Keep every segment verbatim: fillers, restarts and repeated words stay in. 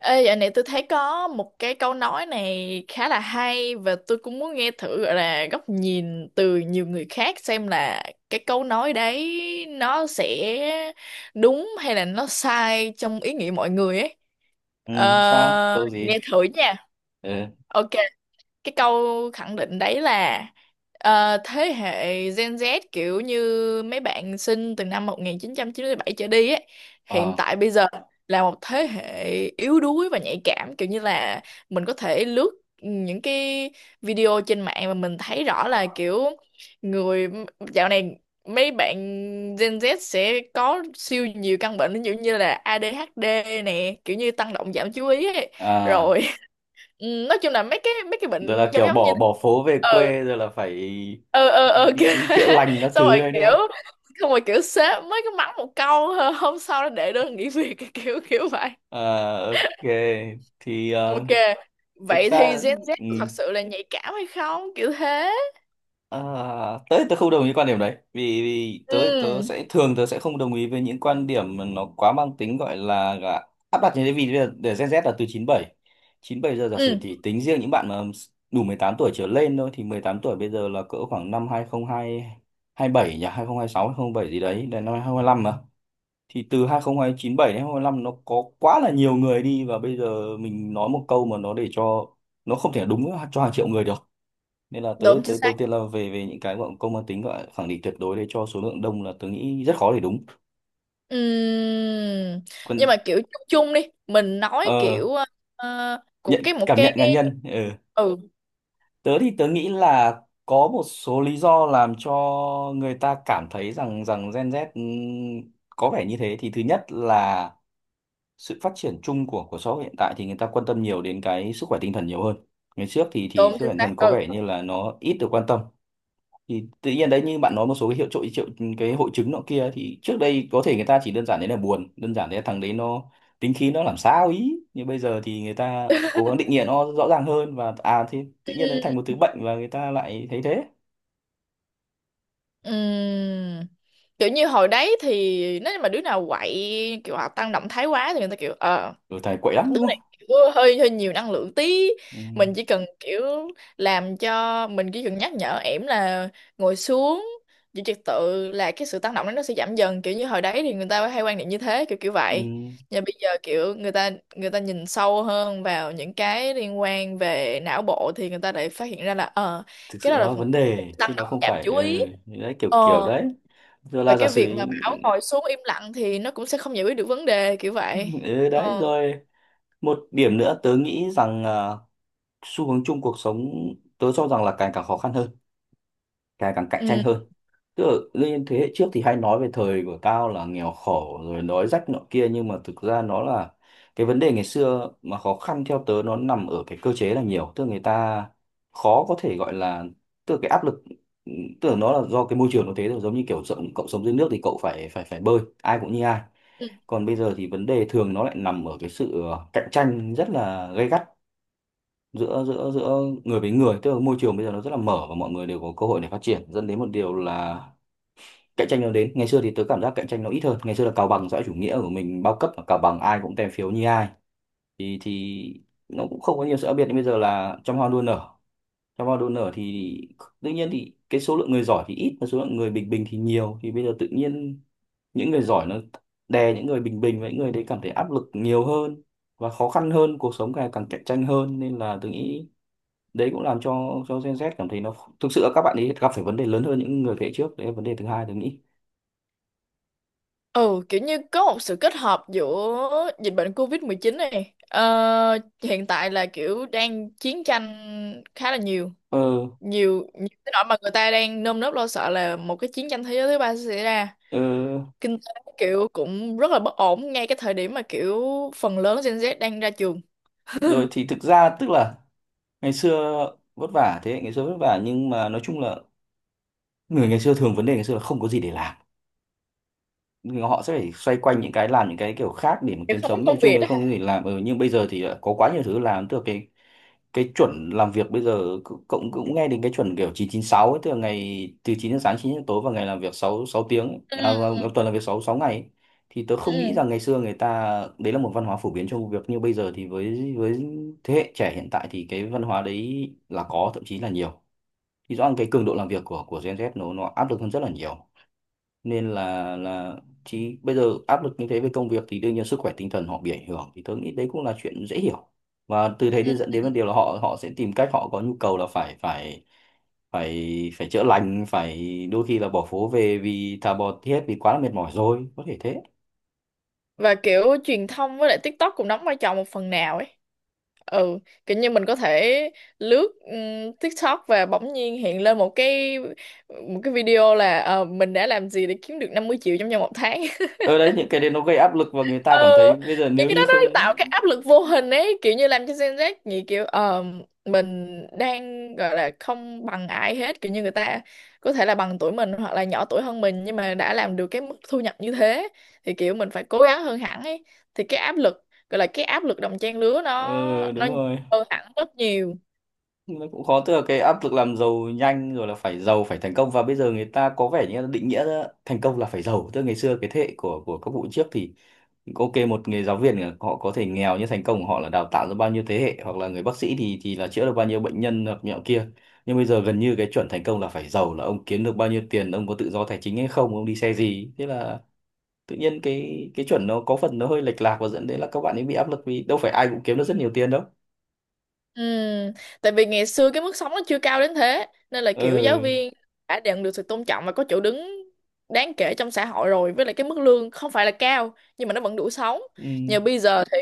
Ê, dạo này tôi thấy có một cái câu nói này khá là hay và tôi cũng muốn nghe thử gọi là góc nhìn từ nhiều người khác xem là cái câu nói đấy nó sẽ đúng hay là nó sai trong ý nghĩa mọi người ấy. Ừ, sao? Ờ, Câu Nghe gì? thử nha. Ừ. Ok, cái câu khẳng định đấy là ờ, thế hệ Gen Z kiểu như mấy bạn sinh từ năm một chín chín bảy trở đi ấy, hiện Ờ. tại bây giờ là một thế hệ yếu đuối và nhạy cảm, kiểu như là mình có thể lướt những cái video trên mạng mà mình thấy rõ là kiểu người dạo này mấy bạn Gen Z sẽ có siêu nhiều căn bệnh, ví dụ như là a đê hát đê nè, kiểu như tăng động giảm chú ý ấy. À, Rồi ừ, nói chung là mấy cái mấy cái rồi bệnh là giống kiểu giống như bỏ thế. bỏ phố về ừ quê rồi là phải ừ ừ đi ừ kiểu đi thế. chữa lành các xong thứ rồi đấy đúng kiểu không? xong rồi kiểu sếp mới có mắng một câu "Hơ", hôm sau nó để đơn nghỉ việc. Kiểu kiểu vậy. À, ok. Thì ờ, Ok, thực vậy thì ra Gen Z ừ. có thật sự là nhạy cảm hay không, kiểu thế. À, tớ tớ không đồng ý quan điểm đấy vì, vì tớ tớ Ừ, sẽ thường tớ sẽ không đồng ý với những quan điểm mà nó quá mang tính gọi là là áp đặt như thế. Vì bây giờ để Gen Z là từ chín bảy, chín bảy giờ giả sử, ừ, thì tính riêng những bạn mà đủ mười tám tuổi trở lên thôi, thì mười tám tuổi bây giờ là cỡ khoảng năm hai không hai hai bảy nhỉ, hai không hai sáu bảy gì đấy, đến năm hai không hai lăm mà. Thì từ hai không hai chín bảy đến hai không hai lăm, nó có quá là nhiều người đi, và bây giờ mình nói một câu mà nó để cho nó không thể đúng cho hàng triệu người được. Nên là tớ đúng chính tớ đầu xác. tiên là về về những cái gọi công mang tính gọi khẳng định tuyệt đối đấy cho số lượng đông, là tớ nghĩ rất khó để đúng. Ừ, Còn nhưng mà kiểu chung chung đi, mình nói ờ, kiểu ờ, của nhận cái một cảm nhận cái. cá nhân ờ. Ừ, Tớ thì tớ nghĩ là có một số lý do làm cho người ta cảm thấy rằng rằng Gen Z ừm, có vẻ như thế. Thì thứ nhất là sự phát triển chung của của xã hội hiện tại thì người ta quan tâm nhiều đến cái sức khỏe tinh thần nhiều hơn. Ngày trước thì thì đúng sức chính khỏe tinh xác. thần có Ừ vẻ như là nó ít được quan tâm. Thì tự nhiên đấy, như bạn nói, một số cái hiệu triệu triệu cái hội chứng nọ kia, thì trước đây có thể người ta chỉ đơn giản đấy là buồn, đơn giản đấy là thằng đấy nó tính khí nó làm sao ý, nhưng bây giờ thì người ta cố gắng định nghĩa nó rõ ràng hơn, và à thì tự nhiên nó Ừ. thành một thứ bệnh và người ta lại thấy thế. Ừm, kiểu như hồi đấy thì nếu như mà đứa nào quậy kiểu hoặc tăng động thái quá thì người ta kiểu ờ Rồi thầy quậy lắm đứa đúng này không. kiểu hơi hơi nhiều năng lượng tí, Ừ, mình chỉ cần kiểu làm cho mình chỉ cần nhắc nhở ẻm là ngồi xuống giữ trật tự là cái sự tăng động đó nó sẽ giảm dần, kiểu như hồi đấy thì người ta hay quan niệm như thế, kiểu kiểu vậy. ừ, Nhưng bây giờ kiểu người ta người ta nhìn sâu hơn vào những cái liên quan về não bộ thì người ta lại phát hiện ra là ờ thực cái sự đó nó là là một vấn cái đề tăng chứ nó động không giảm phải. chú ý. Ừ, đấy kiểu kiểu ờ đấy. Rồi và là giả cái sử. việc mà bảo ngồi xuống im lặng thì nó cũng sẽ không giải quyết được vấn đề, kiểu vậy. Ừ, đấy ờ rồi. Một điểm nữa tớ nghĩ rằng à, xu hướng chung cuộc sống, tớ cho rằng là càng càng khó khăn hơn, càng càng cạnh tranh ừ, hơn. Tức là lên thế hệ trước thì hay nói về thời của tao là nghèo khổ rồi đói rách nọ kia, nhưng mà thực ra nó là cái vấn đề ngày xưa mà khó khăn, theo tớ nó nằm ở cái cơ chế là nhiều, tức là người ta khó có thể gọi là, tức là cái áp lực, tức là nó là do cái môi trường nó thế. Rồi giống như kiểu sống, cậu sống dưới nước thì cậu phải phải phải bơi, ai cũng như ai. ừ. Còn bây giờ thì vấn đề thường nó lại nằm ở cái sự ờ, cạnh tranh rất là gay gắt giữa giữa giữa người với người. Tức là môi trường bây giờ nó rất là mở và mọi người đều có cơ hội để phát triển, dẫn đến một điều là cạnh tranh nó đến. Ngày xưa thì tớ cảm giác cạnh tranh nó ít hơn, ngày xưa là cào bằng, xã hội chủ nghĩa của mình bao cấp và cào bằng, ai cũng tem phiếu như ai, thì thì nó cũng không có nhiều sự khác biệt. Nhưng bây giờ là trăm hoa đua nở, trăm hoa đua nở, thì tự nhiên thì cái số lượng người giỏi thì ít và số lượng người bình bình thì nhiều, thì bây giờ tự nhiên những người giỏi nó đè những người bình bình, và những người đấy cảm thấy áp lực nhiều hơn và khó khăn hơn, cuộc sống càng càng cạnh tranh hơn. Nên là tôi nghĩ đấy cũng làm cho cho Gen Z cảm thấy nó thực sự là các bạn ấy gặp phải vấn đề lớn hơn những người thế hệ trước. Đấy là vấn đề thứ hai tôi nghĩ. Ừ, kiểu như có một sự kết hợp giữa dịch bệnh covid một chín này, ờ, hiện tại là kiểu đang chiến tranh khá là nhiều, ờ, nhiều nhiều cái nỗi mà người ta đang nơm nớp lo sợ là một cái chiến tranh thế giới thứ ba sẽ xảy ra. ờ, Kinh tế kiểu cũng rất là bất ổn ngay cái thời điểm mà kiểu phần lớn Gen Z đang ra trường. Rồi thì thực ra tức là ngày xưa vất vả, thế hệ ngày xưa vất vả, nhưng mà nói chung là người ngày xưa thường, vấn đề ngày xưa là không có gì để làm, người họ sẽ phải xoay quanh những cái làm những cái kiểu khác để mà Kiểu kiếm không có sống, nhưng công chung việc thì đó không hả? có gì làm. Ừ, nhưng bây giờ thì đã có quá nhiều thứ làm, tức là cái cái chuẩn làm việc bây giờ cũng cũng cũng nghe đến cái chuẩn kiểu chín chín sáu ấy, tức là ngày từ chín giờ sáng chín giờ tối, và ngày làm việc sáu sáu tiếng ấy. ừ À, vâng, tuần làm việc sáu sáu ngày ấy. Thì tớ không nghĩ ừ rằng ngày xưa người ta, đấy là một văn hóa phổ biến trong công việc như bây giờ. Thì với với thế hệ trẻ hiện tại thì cái văn hóa đấy là có, thậm chí là nhiều. Thì rõ ràng cái cường độ làm việc của của Gen Z nó nó áp lực hơn rất là nhiều. Nên là là chị bây giờ áp lực như thế về công việc thì đương nhiên sức khỏe tinh thần họ bị ảnh hưởng, thì tôi nghĩ đấy cũng là chuyện dễ hiểu. Và từ thế đi ừ. dẫn đến vấn đề là họ họ sẽ tìm cách, họ có nhu cầu là phải phải phải phải chữa lành, phải đôi khi là bỏ phố về, vì thà bỏ thiết vì quá là mệt mỏi rồi, có thể thế. Và kiểu truyền thông với lại TikTok cũng đóng vai trò một phần nào ấy. Ừ, kiểu như mình có thể lướt ừm, TikTok và bỗng nhiên hiện lên một cái, một cái video là ờ, mình đã làm gì để kiếm được năm mươi triệu trong vòng một tháng. Ở đấy những cái đấy nó gây áp lực và người ta Ừ, cảm thấy bây giờ những nếu cái đó như nó không. tạo cái áp lực vô hình ấy, kiểu như làm cho Gen Z nghĩ kiểu ờ, mình đang gọi là không bằng ai hết, kiểu như người ta có thể là bằng tuổi mình hoặc là nhỏ tuổi hơn mình nhưng mà đã làm được cái mức thu nhập như thế, thì kiểu mình phải cố gắng hơn hẳn ấy. Thì cái áp lực gọi là cái áp lực đồng trang lứa nó Ờ, nó đúng rồi, hơn hẳn rất nhiều. nó cũng khó, tức là cái áp lực làm giàu nhanh, rồi là phải giàu, phải thành công. Và bây giờ người ta có vẻ như là định nghĩa ra thành công là phải giàu. Tức là ngày xưa cái thế hệ của của các vụ trước thì, ok, một người giáo viên là họ có thể nghèo, nhưng thành công của họ là đào tạo ra bao nhiêu thế hệ, hoặc là người bác sĩ thì thì là chữa được bao nhiêu bệnh nhân hoặc nhọ kia. Nhưng bây giờ gần như cái chuẩn thành công là phải giàu, là ông kiếm được bao nhiêu tiền, ông có tự do tài chính hay không, ông đi xe gì. Thế là tự nhiên cái cái chuẩn nó có phần nó hơi lệch lạc, và dẫn đến là các bạn ấy bị áp lực, vì đâu phải ai cũng kiếm được rất nhiều tiền đâu. Ừ, tại vì ngày xưa cái mức sống nó chưa cao đến thế nên là kiểu giáo Ừ, viên đã nhận được sự tôn trọng và có chỗ đứng đáng kể trong xã hội rồi, với lại cái mức lương không phải là cao nhưng mà nó vẫn đủ sống. ừ, Nhờ bây giờ thì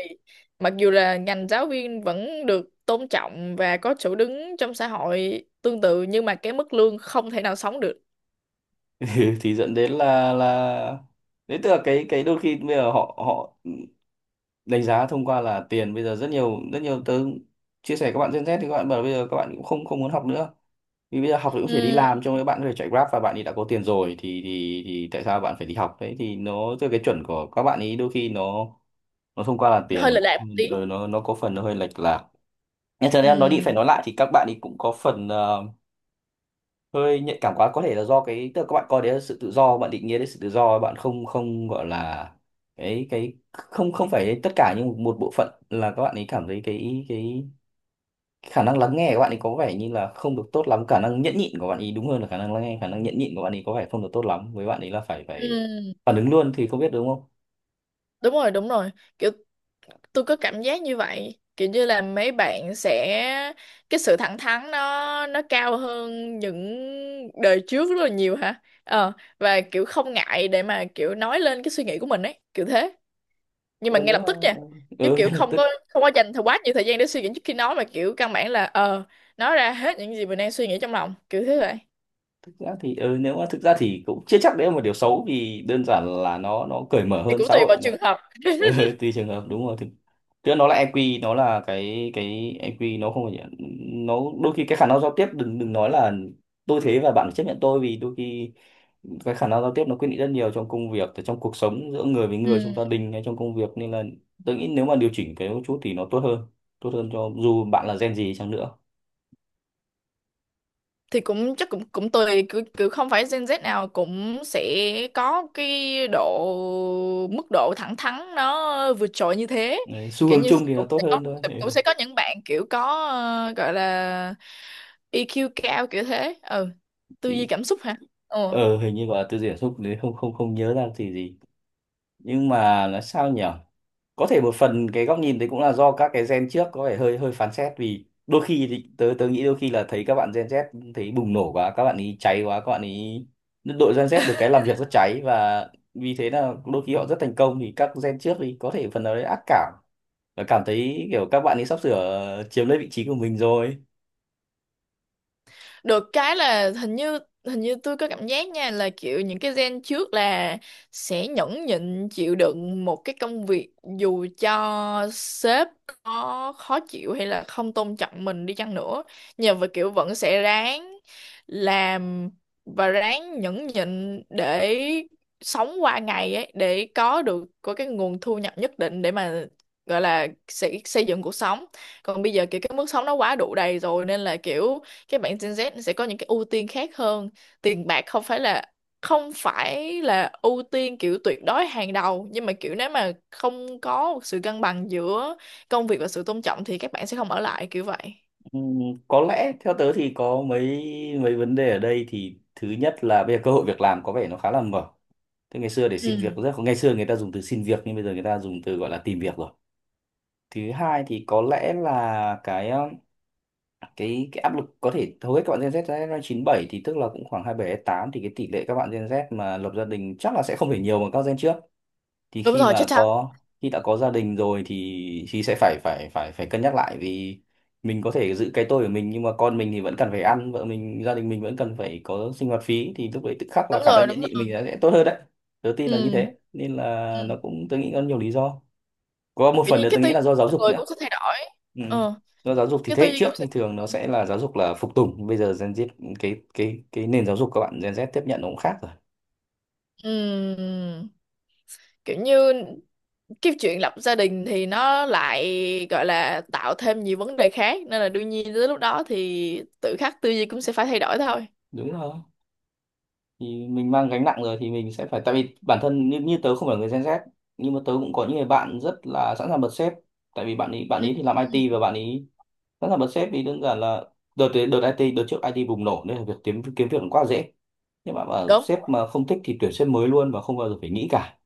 mặc dù là ngành giáo viên vẫn được tôn trọng và có chỗ đứng trong xã hội tương tự, nhưng mà cái mức lương không thể nào sống được. ừ, thì dẫn đến là là đấy, tức là cái cái đôi khi bây giờ họ họ đánh giá thông qua là tiền. Bây giờ rất nhiều, rất nhiều tớ chia sẻ các bạn Gen Z thì các bạn bảo bây giờ các bạn cũng không không muốn học nữa, vì bây giờ học thì cũng chỉ đi Ừ, làm, trong các bạn có thể chạy Grab và bạn ấy đã có tiền rồi, thì thì thì tại sao bạn phải đi học đấy. Thì nó tức là cái chuẩn của các bạn ấy đôi khi nó nó thông qua là nó hơi lệch tiền. lạc một tí. Ừ, nó nó có phần nó hơi lệch lạc. Nhưng thật ra nói đi phải Ừ, nói lại thì các bạn ấy cũng có phần ờ, hơi nhạy cảm quá. Có thể là do cái, tức là các bạn coi đấy là sự tự do, bạn định nghĩa đấy sự tự do, bạn không không gọi là cái cái không không phải tất cả, nhưng một bộ phận là các bạn ấy cảm thấy cái cái khả năng lắng nghe của bạn ấy có vẻ như là không được tốt lắm, khả năng nhẫn nhịn của bạn ấy đúng hơn là khả năng lắng nghe, khả năng nhẫn nhịn của bạn ấy có vẻ không được tốt lắm, với bạn ấy là phải phải ừ, phản ứng luôn thì không biết đúng không. đúng rồi, đúng rồi, kiểu tôi có cảm giác như vậy, kiểu như là mấy bạn sẽ cái sự thẳng thắn nó nó cao hơn những đời trước rất là nhiều hả? ờ và kiểu không ngại để mà kiểu nói lên cái suy nghĩ của mình ấy, kiểu thế. Nhưng mà Ừ, ngay nếu lập mà, tức nha, chứ ừ, kiểu ngay lập không có tức. không có dành thời quá nhiều thời gian để suy nghĩ trước khi nói, mà kiểu căn bản là ờ nói ra hết những gì mình đang suy nghĩ trong lòng kiểu thế vậy. Thực ra thì ừ, nếu mà thực ra thì cũng chưa chắc đấy là một điều xấu, vì đơn giản là nó nó cởi mở Thì hơn cũng xã tùy hội. vào trường hợp. Ừ, tùy trường hợp, đúng rồi, thực tức là nó là e kiu, nó là cái cái e kiu nó không phải là- nó đôi khi cái khả năng giao tiếp, đừng đừng nói là tôi thế và bạn chấp nhận tôi, vì đôi khi cái khả năng giao tiếp nó quyết định rất nhiều trong công việc, trong cuộc sống, giữa người với người, trong gia Ừ, đình hay trong công việc. Nên là tôi nghĩ nếu mà điều chỉnh cái một chút thì nó tốt hơn, tốt hơn cho dù bạn là gen gì chăng nữa. thì cũng chắc cũng cũng tùy, cứ cứ không phải Gen Z nào cũng sẽ có cái độ mức độ thẳng thắn nó vượt trội như thế. Đấy, xu Kiểu hướng như chung sẽ- thì nó cũng tốt sẽ có, hơn thôi. Ừ, cũng sẽ có những bạn kiểu có ờ, gọi là e kiu cao, kiểu thế. Ừ, tư duy thì cảm xúc hả? Ừ, ờ hình như gọi là tư duy cảm xúc đấy, không không không nhớ ra thì gì. Nhưng mà là sao nhỉ? Có thể một phần cái góc nhìn đấy cũng là do các cái gen trước có vẻ hơi hơi phán xét, vì đôi khi thì tớ tớ nghĩ đôi khi là thấy các bạn gen Z thấy bùng nổ quá, các bạn ý cháy quá, các bạn ý đội gen Z được cái làm việc rất cháy, và vì thế là đôi khi họ rất thành công, thì các gen trước thì có thể phần nào đấy ác cảm và cảm thấy kiểu các bạn ấy sắp sửa chiếm lấy vị trí của mình rồi. được cái là hình như, hình như tôi có cảm giác nha là kiểu những cái gen trước là sẽ nhẫn nhịn chịu đựng một cái công việc dù cho sếp có khó chịu hay là không tôn trọng mình đi chăng nữa, nhưng mà kiểu vẫn sẽ ráng làm và ráng nhẫn nhịn để sống qua ngày ấy, để có được có cái nguồn thu nhập nhất định để mà gọi là xây, xây dựng cuộc sống. Còn bây giờ kiểu cái mức sống nó quá đủ đầy rồi nên là kiểu cái bạn Gen Z sẽ có những cái ưu tiên khác hơn. Tiền bạc không phải là không phải là ưu tiên kiểu tuyệt đối hàng đầu, nhưng mà kiểu nếu mà không có một sự cân bằng giữa công việc và sự tôn trọng thì các bạn sẽ không ở lại, kiểu vậy. Ừm, có lẽ theo tớ thì có mấy mấy vấn đề ở đây. Thì thứ nhất là bây giờ cơ hội việc làm có vẻ nó khá là mở. Thế ngày xưa để xin việc Ừ, rất khó. Ngày xưa người ta dùng từ xin việc, nhưng bây giờ người ta dùng từ gọi là tìm việc rồi. Thứ hai thì có lẽ là cái um, cái cái áp lực. Có thể hầu hết các bạn Gen Z ra chín bảy, thì tức là cũng khoảng hai mươi bảy tám, thì cái tỷ lệ các bạn Gen Z mà lập gia đình chắc là sẽ không thể nhiều bằng các gen trước. Thì đúng khi rồi, chết mà thật, có, khi đã có gia đình rồi thì thì sẽ phải phải phải phải cân nhắc lại, vì mình có thể giữ cái tôi của mình nhưng mà con mình thì vẫn cần phải ăn, vợ mình gia đình mình vẫn cần phải có sinh hoạt phí, thì lúc đấy tự khắc là đúng khả rồi, năng đúng nhẫn nhịn rồi. mình sẽ sẽ tốt hơn đấy. Đầu tiên là như Ừ, thế, nên ừ, là nó cũng, tôi nghĩ có nhiều lý do. Có một kiểu phần như nữa cái tôi tư nghĩ duy là do của giáo con dục người nữa. cũng sẽ thay đổi. Ừ. ờ Do giáo dục thì cái thế tư hệ duy trước cũng thì sẽ thường nó sẽ là giáo dục là phục tùng, bây giờ Gen Z, cái cái cái nền giáo dục các bạn Gen Z tiếp nhận nó cũng khác rồi. ừ, kiểu như cái chuyện lập gia đình thì nó lại gọi là tạo thêm nhiều vấn đề khác, nên là đương nhiên tới lúc đó thì tự khắc tư duy cũng sẽ phải thay đổi thôi. Đúng rồi, thì mình mang gánh nặng rồi thì mình sẽ phải, tại vì bản thân như, như tớ không phải là người Gen Z, nhưng mà tớ cũng có những người bạn rất là sẵn sàng bật sếp. Tại vì bạn ấy bạn Ừ. ấy thì làm Ừ. i tê, và bạn ấy sẵn sàng bật sếp vì đơn giản là đợt đợt i tê đợt trước ai ti bùng nổ nên là việc kiếm kiếm việc cũng quá dễ, nhưng mà bảo Đúng, sếp mà không thích thì tuyển sếp mới luôn và không bao giờ phải nghĩ cả.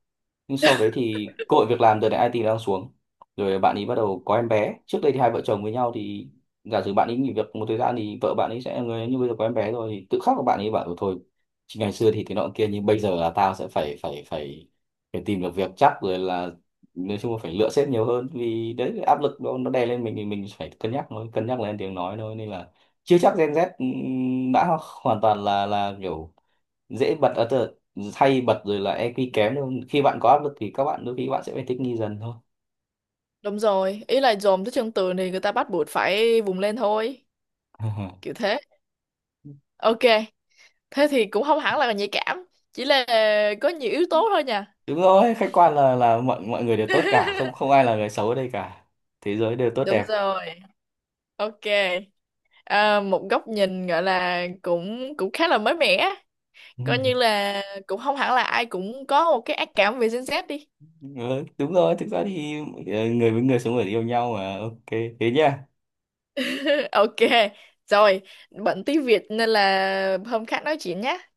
Nhưng sau đấy thì cơ hội việc làm đợt này i tê đang xuống, rồi bạn ấy bắt đầu có em bé. Trước đây thì hai vợ chồng với nhau thì giả sử bạn ấy nghỉ việc một thời gian thì vợ bạn ấy sẽ là người, như bây giờ có em bé rồi thì tự khắc của bạn ấy bảo "Ừ thôi, chỉ ngày xưa thì thế nọ kia, nhưng bây giờ là tao sẽ phải phải phải phải tìm được việc chắc rồi", là nói chung là phải lựa sếp nhiều hơn, vì đấy cái áp lực nó nó đè lên mình thì mình phải cân nhắc thôi, cân nhắc lên tiếng nói thôi. Nên là chưa chắc Gen Z ừm, đã hoàn toàn là là kiểu dễ bật ở tờ hay bật rồi là i kiu kém đâu. Khi bạn có áp lực thì các bạn đôi khi bạn sẽ phải thích nghi dần thôi. đúng rồi, ý là dồn tới chân tường thì người ta bắt buộc phải vùng lên thôi, kiểu thế. Ok, thế thì cũng không hẳn là nhạy cảm, chỉ là có nhiều yếu tố thôi nha. Đúng rồi, khách quan là là mọi mọi người đều tốt cả, không không ai là người xấu ở đây cả, thế giới đều tốt Đúng đẹp. rồi. Ok, à, một góc nhìn gọi là cũng cũng khá là mới mẻ, coi như là cũng không hẳn là ai cũng có một cái ác cảm về Gen Z đi. Ừ, đúng rồi, thực ra thì ờ, người với người sống người yêu nhau mà, ok, thế nhá. Ok, rồi, bận tí việc nên là hôm khác nói chuyện nhé.